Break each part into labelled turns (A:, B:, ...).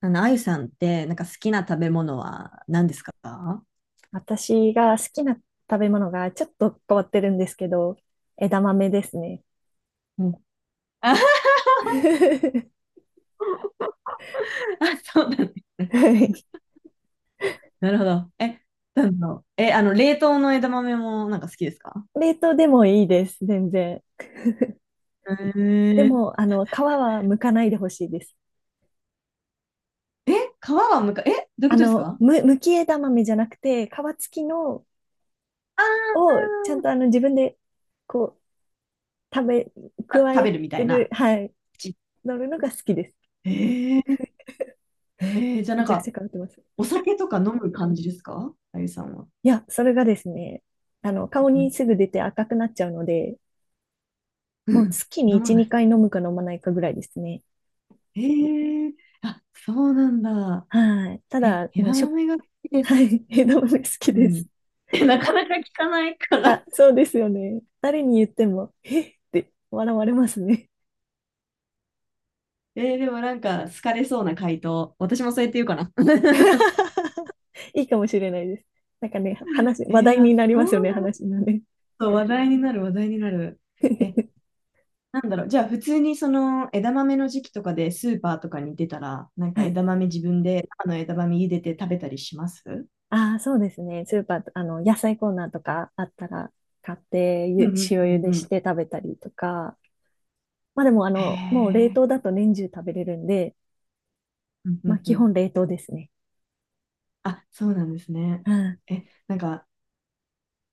A: あゆさんって、なんか好きな食べ物は何ですか？
B: 私が好きな食べ物がちょっと変わってるんですけど、枝豆ですね。
A: うん。あ、あそうなんだね。
B: はい。
A: なるほど。なんだろう。え、あの、冷凍の枝豆もなんか好きですか？
B: 冷凍でもいいです、全然。
A: へ
B: で
A: え。
B: も、皮は剥かないでほしいです。
A: 皮はむか、え、どういうことですか？
B: 剥き枝豆じゃなくて、皮付きの
A: あ
B: をちゃんと自分でこう、
A: ー
B: 加
A: 食
B: え
A: べるみた
B: て
A: い
B: る、
A: な。
B: はい、
A: 口。
B: 乗るのが好きです。
A: へえ。じゃあ
B: め
A: なん
B: ちゃくち
A: か、
B: ゃ変わってます。
A: お酒とか飲む感じですか、あゆさんは？
B: いや、それがですね、顔
A: う
B: に
A: ん。
B: すぐ出て赤くなっちゃうので、
A: う
B: もう
A: ん。
B: 月に
A: 飲ま
B: 1、
A: ない。
B: 2回飲むか飲まないかぐらいですね。
A: へえー。あ、そうなんだ。
B: はい。ただ、もう
A: 枝
B: しょ、
A: 豆が好き で
B: は
A: す。
B: い。枝豆好き
A: う
B: で
A: ん。
B: す。
A: なかなか聞かないか
B: あ、
A: ら。
B: そうですよね。誰に言っても、えって笑われますね。
A: でもなんか好かれそうな回答。私もそうやって言うかな。
B: いいかもしれないです。なんかね、話題
A: あ、
B: になりま
A: そ
B: すよね、
A: うなる
B: 話がね。
A: と話題になる、話題になる。え、なんだろう。じゃあ普通にその枝豆の時期とかでスーパーとかに出たら、なんか
B: はい。
A: 枝豆自分で生の枝豆茹でて食べたりします？
B: ああ、そうですね。スーパー、野菜コーナーとかあったら、買って
A: うんう
B: ゆ、
A: ん
B: 塩
A: う
B: 茹
A: ん
B: で
A: う
B: し
A: ん。
B: て食べたりとか。まあでも、
A: へ
B: もう冷
A: え。
B: 凍だと年中食べれるんで、
A: うんう
B: まあ
A: んう
B: 基
A: ん。
B: 本冷凍ですね。
A: あ、そうなんですね。
B: うん。
A: なんか、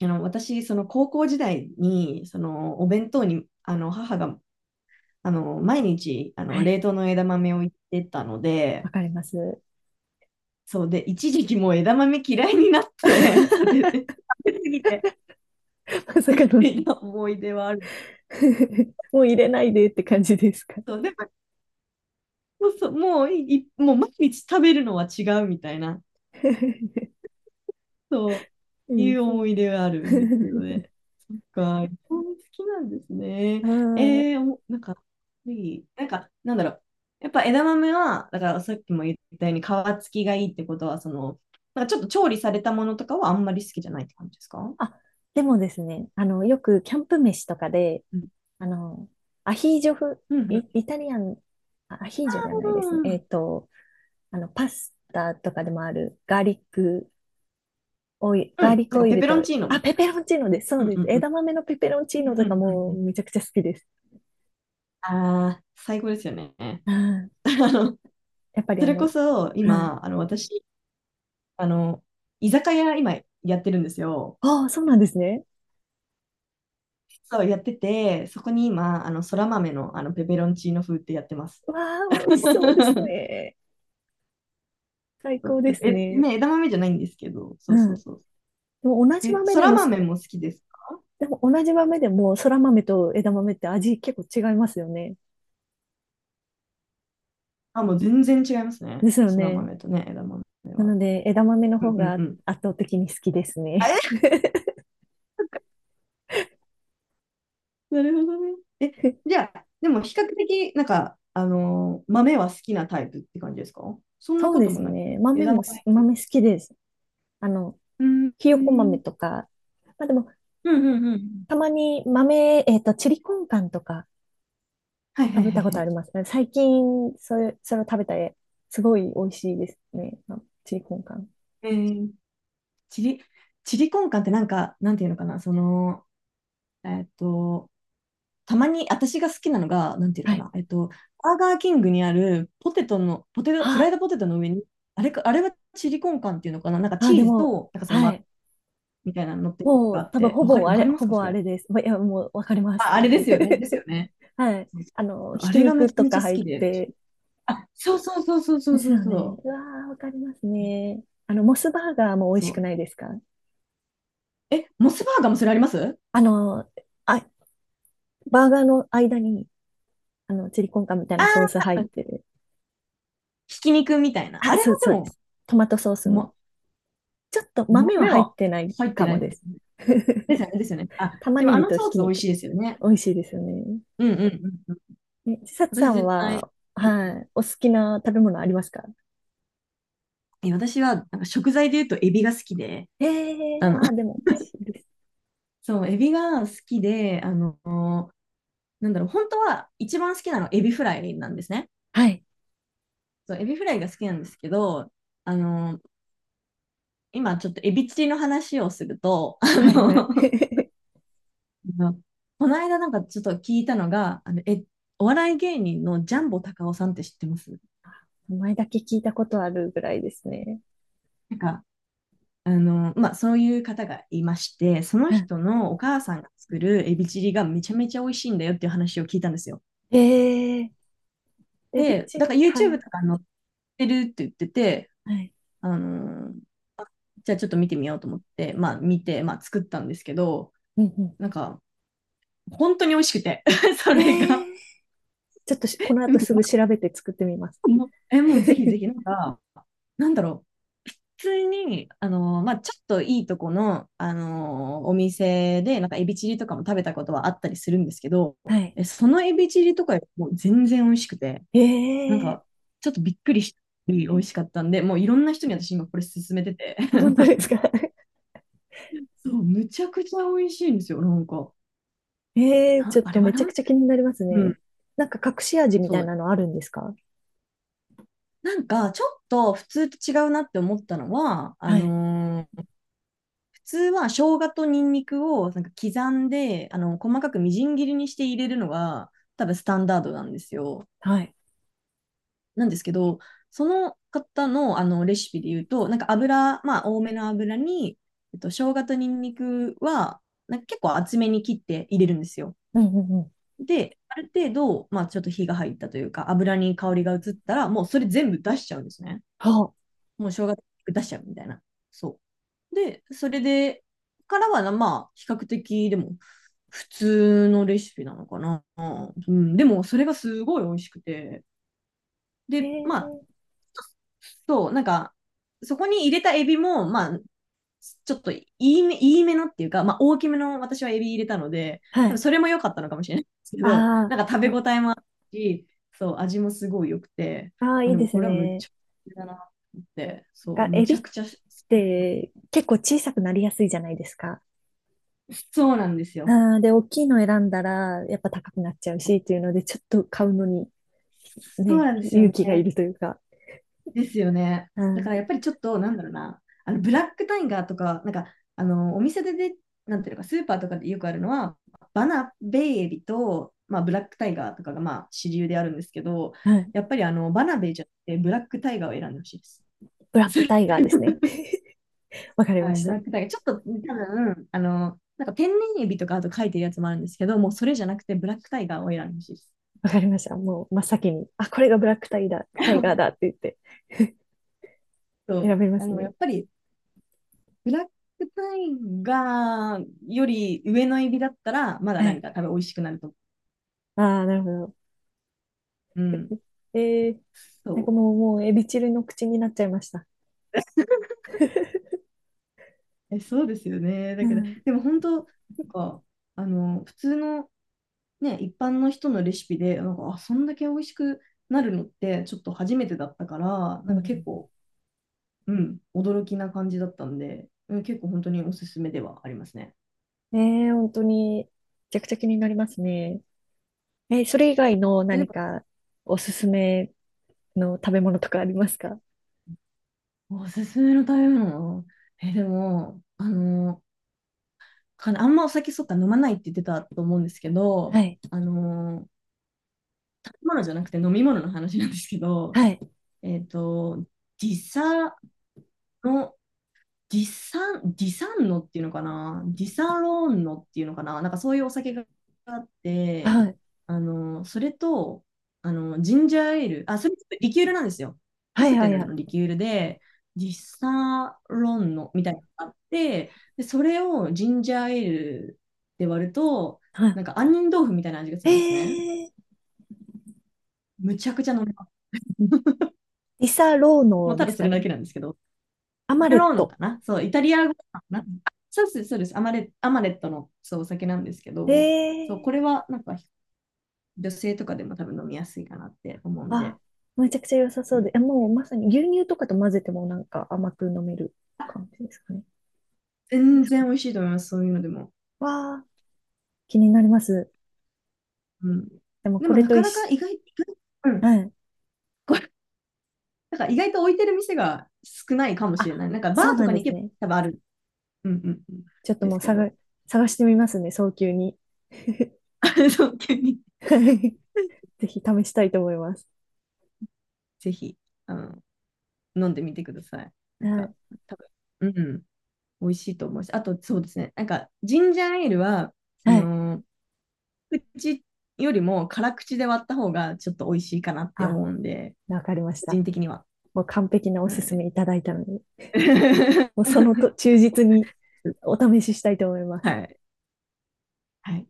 A: 私、その高校時代に、そのお弁当に、母が、毎日、
B: はい。
A: 冷凍の枝豆を入れてたの
B: わ
A: で、
B: かります。
A: そうで、一時期もう枝豆嫌いになって、それで食 べ過ぎて、
B: まさ
A: み
B: か
A: た
B: の
A: いな思い出はある。
B: もう入れないでって感じですか？
A: そう、でも、そうそうもう毎日食べるのは違うみたいな、そ
B: う
A: うい
B: ん、
A: う
B: そ
A: 思
B: う。
A: い出があるんですけどね。そっか、日本好きなんですね。
B: はーい。
A: なんか、なんか、なんだろう。やっぱ枝豆は、だからさっきも言ったように皮付きがいいってことは、その、なんかちょっと調理されたものとかはあんまり好きじゃないって感じですか？
B: あ、でもですね、よくキャンプ飯とかで、あの、アヒージョ風、
A: うんうん。
B: イタリアン、アヒージョじゃないですね。
A: うん
B: パスタとかでもある
A: う
B: ガー
A: ん、
B: リック
A: なん
B: オ
A: か
B: イ
A: ペ
B: ル
A: ペロン
B: と、
A: チーノ
B: あ、
A: み
B: ペ
A: たい
B: ペロンチーノです。そう
A: な。うん
B: で
A: う
B: す。
A: んうん。
B: 枝豆のペペロンチーノと
A: うんう
B: か
A: んうん
B: も
A: う
B: う
A: ん。
B: めちゃくちゃ好きです。
A: ああ、最高ですよね。
B: うん、
A: あの、
B: やっぱり
A: それこそ
B: うん。
A: 今、私、あの、居酒屋今やってるんですよ。
B: ああ、そうなんですね。
A: そう、やってて、そこに今、そら豆の、ペペロンチーノ風ってやってます。
B: わあ、美味しそうです ね。最
A: そう
B: 高で
A: ちょっと
B: すね。
A: ね、枝豆じゃないんですけど、
B: う
A: そうそう
B: ん。で
A: そう。
B: も同じ豆
A: そ
B: で
A: ら
B: も、
A: 豆も好きですか？
B: でも同じ豆でも、そら豆と枝豆って味結構違いますよね。
A: あ、もう全然違いますね。
B: ですよ
A: そら
B: ね。
A: 豆とね、枝豆
B: な
A: は。
B: ので、枝豆の
A: う
B: 方
A: んう
B: が
A: んうん。
B: 圧倒的に好きです
A: あ、
B: ね。
A: なるほどね。じ ゃあ、でも比較的、なんか、豆は好きなタイプって感じですか？そんな
B: そう
A: こ
B: で
A: と
B: す
A: もな
B: ね。
A: く、枝豆。
B: 豆好きです。あの、
A: うん、
B: ひ
A: う
B: よこ豆
A: ん、
B: とか、まあでも、
A: うん、うんうん。
B: たまに豆、チリコンカンとか
A: はいはい
B: 食べ
A: はい
B: たこ
A: は
B: とあ
A: い。
B: りますね。最近、それを食べたら、すごい美味しいですね。あチリコンカン。
A: えー、チリ、チリコンカンってなんか、なんていうのかな、その、えっと、たまに私が好きなのが、なんていう
B: は
A: のか
B: い。
A: な、バーガーキングにあるポテトの、ポテト、フライ
B: あ
A: ドポテトの上に、あれか、あれはチリコンカンっていうのかな、なんか
B: あ、
A: チ
B: で
A: ーズ
B: も、
A: と、なんかその、
B: はい。
A: みたいなの乗ってるやつ
B: も
A: があ
B: う、
A: っ
B: 多分、
A: て、わかります
B: ほ
A: か、
B: ぼ
A: そ
B: あ
A: れ？
B: れです。まいや、もう、わかりま
A: あ、
B: す。
A: あれですよね。ですよ ね。
B: はい。
A: そうそう
B: ひ
A: あ
B: き
A: れがめ
B: 肉
A: ちゃ
B: と
A: めち
B: か
A: ゃ好
B: 入っ
A: きで。
B: て。
A: あ、そうそうそうそうそ
B: で
A: う
B: す
A: そう
B: よ
A: そ
B: ね。
A: う。
B: うわー、わかりますね。モスバーガーも美味
A: そ
B: しく
A: う。
B: ないですか？
A: モスバーガーもそれあります？
B: あの、あ、バーガーの間に、チリコンカンみたい
A: あ
B: なソース入っ
A: ー、
B: てる。
A: ひき肉みたいな。あ
B: あ、
A: れも
B: そう、
A: で
B: そうで
A: も、
B: す。トマトソースの。
A: ま、
B: ちょっと豆は
A: 豆
B: 入っ
A: は
B: てない
A: 入って
B: か
A: な
B: も
A: い。
B: です。
A: ですよね、ですよね。あ、
B: 玉
A: でも
B: ね
A: あ
B: ぎ
A: の
B: と
A: ソ
B: ひ
A: ー
B: き
A: ス美味
B: 肉。
A: しいですよね。
B: 美味しいですよね。
A: うんうんうんうん。
B: ね、ちさ
A: 私
B: さん
A: 絶対、
B: は、
A: うん。
B: はい、お好きな食べ物ありますか？
A: 私はなんか食材で言うとエビが好きで、
B: ええー
A: あの、
B: ああー、でも美味しいです。
A: そう、エビが好きで、なんだろう、本当は一番好きなのはエビフライなんですね。
B: はい、
A: そう、エビフライが好きなんですけど、あの、今ちょっとエビチリの話をすると、
B: はい、はい。
A: この間なんかちょっと聞いたのが、お笑い芸人のジャンボたかおさんって知ってます？
B: 名前だけ聞いたことあるぐらいですね。
A: なんか、まあ、そういう方がいまして、その
B: うん、
A: 人のお母さんが作るエビチリがめちゃめちゃ美味しいんだよっていう話を聞いたんですよ。
B: ええーエビ
A: で、
B: チ
A: だ
B: リ、
A: から
B: は
A: YouTube
B: い。
A: とか載ってるって言ってて、
B: はい。
A: あの、じゃあちょっと見てみようと思って、まあ見て、まあ作ったんですけど、
B: うんう
A: なんか本当に美味しくて そ
B: ん。え
A: れ
B: え
A: が
B: ーちょっとこの後すぐ調 べて作ってみます。
A: もうぜひぜ ひ、なんか、なんだろう。普通に、まあ、ちょっといいとこの、あのお店で、なんかエビチリとかも食べたことはあったりするんですけど、
B: はい。
A: そのエビチリとかよりも全然美味しくて、なん
B: え
A: か、
B: え
A: ちょっとびっくりして美味しかったんで、もういろんな人に私今これ勧めてて
B: ー本当です か？
A: そう、むちゃくちゃ美味しいんですよ、なんか。
B: ええーちょっ
A: あ
B: と
A: れは
B: めちゃ
A: な
B: く
A: ん、
B: ちゃ気になります
A: う
B: ね。
A: ん、
B: なんか隠し味み
A: そ
B: たいな
A: う、
B: のあるんですか？
A: なんか、ちょっと普通と違うなって思ったのは、
B: はい、
A: 普通は生姜とニンニクをなんか刻んで、細かくみじん切りにして入れるのが、多分スタンダードなんですよ。
B: はい。
A: なんですけど、その方の、あのレシピで言うと、なんか油、まあ、多めの油に、生姜とニンニクは、なんか結構厚めに切って入れるんですよ。
B: うんうんうん。
A: で、ある程度、まあ、ちょっと火が入ったというか、油に香りが移ったら、もうそれ全部出しちゃうんですね。
B: はあ。
A: もう正月出しちゃうみたいな。そう。で、それで、からはな、まあ、比較的、でも、普通のレシピなのかな。うん、でも、それがすごい美味しくて。
B: え
A: で、
B: え
A: まあ、
B: ー
A: そう、なんか、そこに入れたエビも、まあ、ちょっといいめのっていうか、まあ、大きめの私はエビ入れたので、
B: は
A: 多分
B: い。
A: それも良かったのかもしれないですけ
B: あ
A: ど、
B: あ、
A: なんか食
B: で
A: べ応
B: も、
A: えもあるし、そう、味もすごい良くて、
B: ああ、
A: ま
B: い
A: あ、
B: い
A: で
B: で
A: も
B: す
A: これはむっ
B: ね。
A: ちゃだなって、そう、
B: が、
A: む
B: エビ
A: ちゃ
B: っ
A: くちゃ好
B: て結構小さくなりやすいじゃないですか。
A: そうなんですよ。
B: ああ、で、大きいの選んだら、やっぱ高くなっちゃうし、っていうので、ちょっと買うのに、
A: そう
B: ね、
A: なんですよ
B: 勇
A: ね。
B: 気がいるというか。
A: ですよね。
B: う
A: だか
B: ん、
A: らやっぱりちょっと、なんだろうな、あのブラックタイガーとか、なんか、お店で、なんていうのか、スーパーとかでよくあるのは、バナベイエビと、まあ、ブラックタイガーとかが、まあ、主流であるんですけど、
B: うん。
A: やっぱりバナベイじゃなくて、ブラックタイガーを選んでほしいです。
B: ブラッ
A: そ
B: ク
A: れ
B: タイガーですね。わかり
A: は
B: ま
A: い、
B: し
A: ブラ
B: た。
A: ックタイガー。ちょっと、多分、なんか天然エビとかあと書いてるやつもあるんですけど、もうそれじゃなくて、ブラックタイガーを選んでほしいです。
B: わかりました。もう真っ先に、あ、これがブラックタイだ、タイガーだっ て言って
A: そう
B: 選べますね。
A: やっぱりブラックタイガーより上のエビだったら、まだ
B: は
A: な
B: い。
A: んか多分美味しくなると思
B: ああ、なるほど。
A: う。うん。
B: えー、
A: そ
B: なんか
A: う。
B: もう、エビチリの口になっちゃいました。
A: そうですよね。だ
B: う
A: けど、
B: ん。
A: でも本当、なんか、普通のね、一般の人のレシピで、なんか、あ、そんだけ美味しくなるのって、ちょっと初めてだったから、
B: う
A: なんか結
B: ん、
A: 構、うん、驚きな感じだったんで、うん、結構本当におすすめではありますね。
B: ねえ、本当に、めちゃくちゃ気になりますね。え、それ以外の
A: で
B: 何
A: も、
B: かおすすめの食べ物とかありますか？
A: おすすめの食べ物。でも、かなあんまお酒そっか飲まないって言ってたと思うんですけ
B: は
A: ど、
B: い。
A: あのー食べ物じゃなくて飲み物の話なんですけど、
B: はい。
A: えっと、時差のディサンノっていうのかな、ディサロンノっていうのかな、なんかそういうお酒があって、
B: はい。
A: それと、ジンジャーエール、あ、それちょっとリキュールなんですよ。カ
B: はい。
A: ク
B: は
A: テ
B: い。
A: ル
B: は
A: の
B: い
A: リキュールで、ディサロンノみたいなのがあって、で、それをジンジャーエールで割ると、
B: は
A: なんか杏仁豆腐みたいな味がす
B: い。
A: るんですね。
B: えー、
A: むちゃくちゃ飲めます。
B: リサロー
A: もう
B: ノ
A: た
B: で
A: だ
B: す
A: そ
B: か
A: れだ
B: ね。
A: けなんですけど。
B: アマ
A: タ
B: レッ
A: ローノか
B: ト。
A: なそう、イタリア語かなあそうです、そうです。アマレットのそうお酒なんですけど、そう、
B: え
A: こ
B: え
A: れはなんか女性とかでも多分飲みやすいかなって思うん
B: あ、
A: で、
B: めちゃくちゃ良さそ
A: う
B: うで、
A: ん、
B: もうまさに牛乳とかと混ぜてもなんか甘く飲める感じですかね。
A: 全然美味しいと思います、そういうのでも。
B: わあ、気になります。
A: うん、
B: でも
A: で
B: こ
A: も
B: れ
A: な
B: と
A: か
B: 一
A: なか
B: 緒、
A: 意外。うん、
B: うん。
A: これなんか意外と置いてる店が少ないかもしれな
B: あ、
A: い。なんかバ
B: そう
A: ーと
B: なん
A: か
B: で
A: に
B: す
A: 行け
B: ね。
A: ば多分ある、うんうんうん、
B: ちょっと
A: で
B: も
A: す
B: う
A: けど、
B: 探してみますね、早急に。
A: そう急に
B: はい。 ぜひ試したいと思います。
A: ぜひあの飲んでみてください。なん
B: は
A: か
B: い。
A: 多分、うん、美味しいと思うし、あとそうですね、なんかジンジャーエールは、あ
B: はい。
A: のー口よりも辛口で割った方がちょっと美味しいかなって
B: あ、
A: 思うんで、
B: わかりまし
A: 個
B: た。
A: 人的には。
B: もう完璧なお
A: は
B: すす
A: い。
B: めいただいたので、もうその と忠実にお試ししたいと思います。
A: はい。はい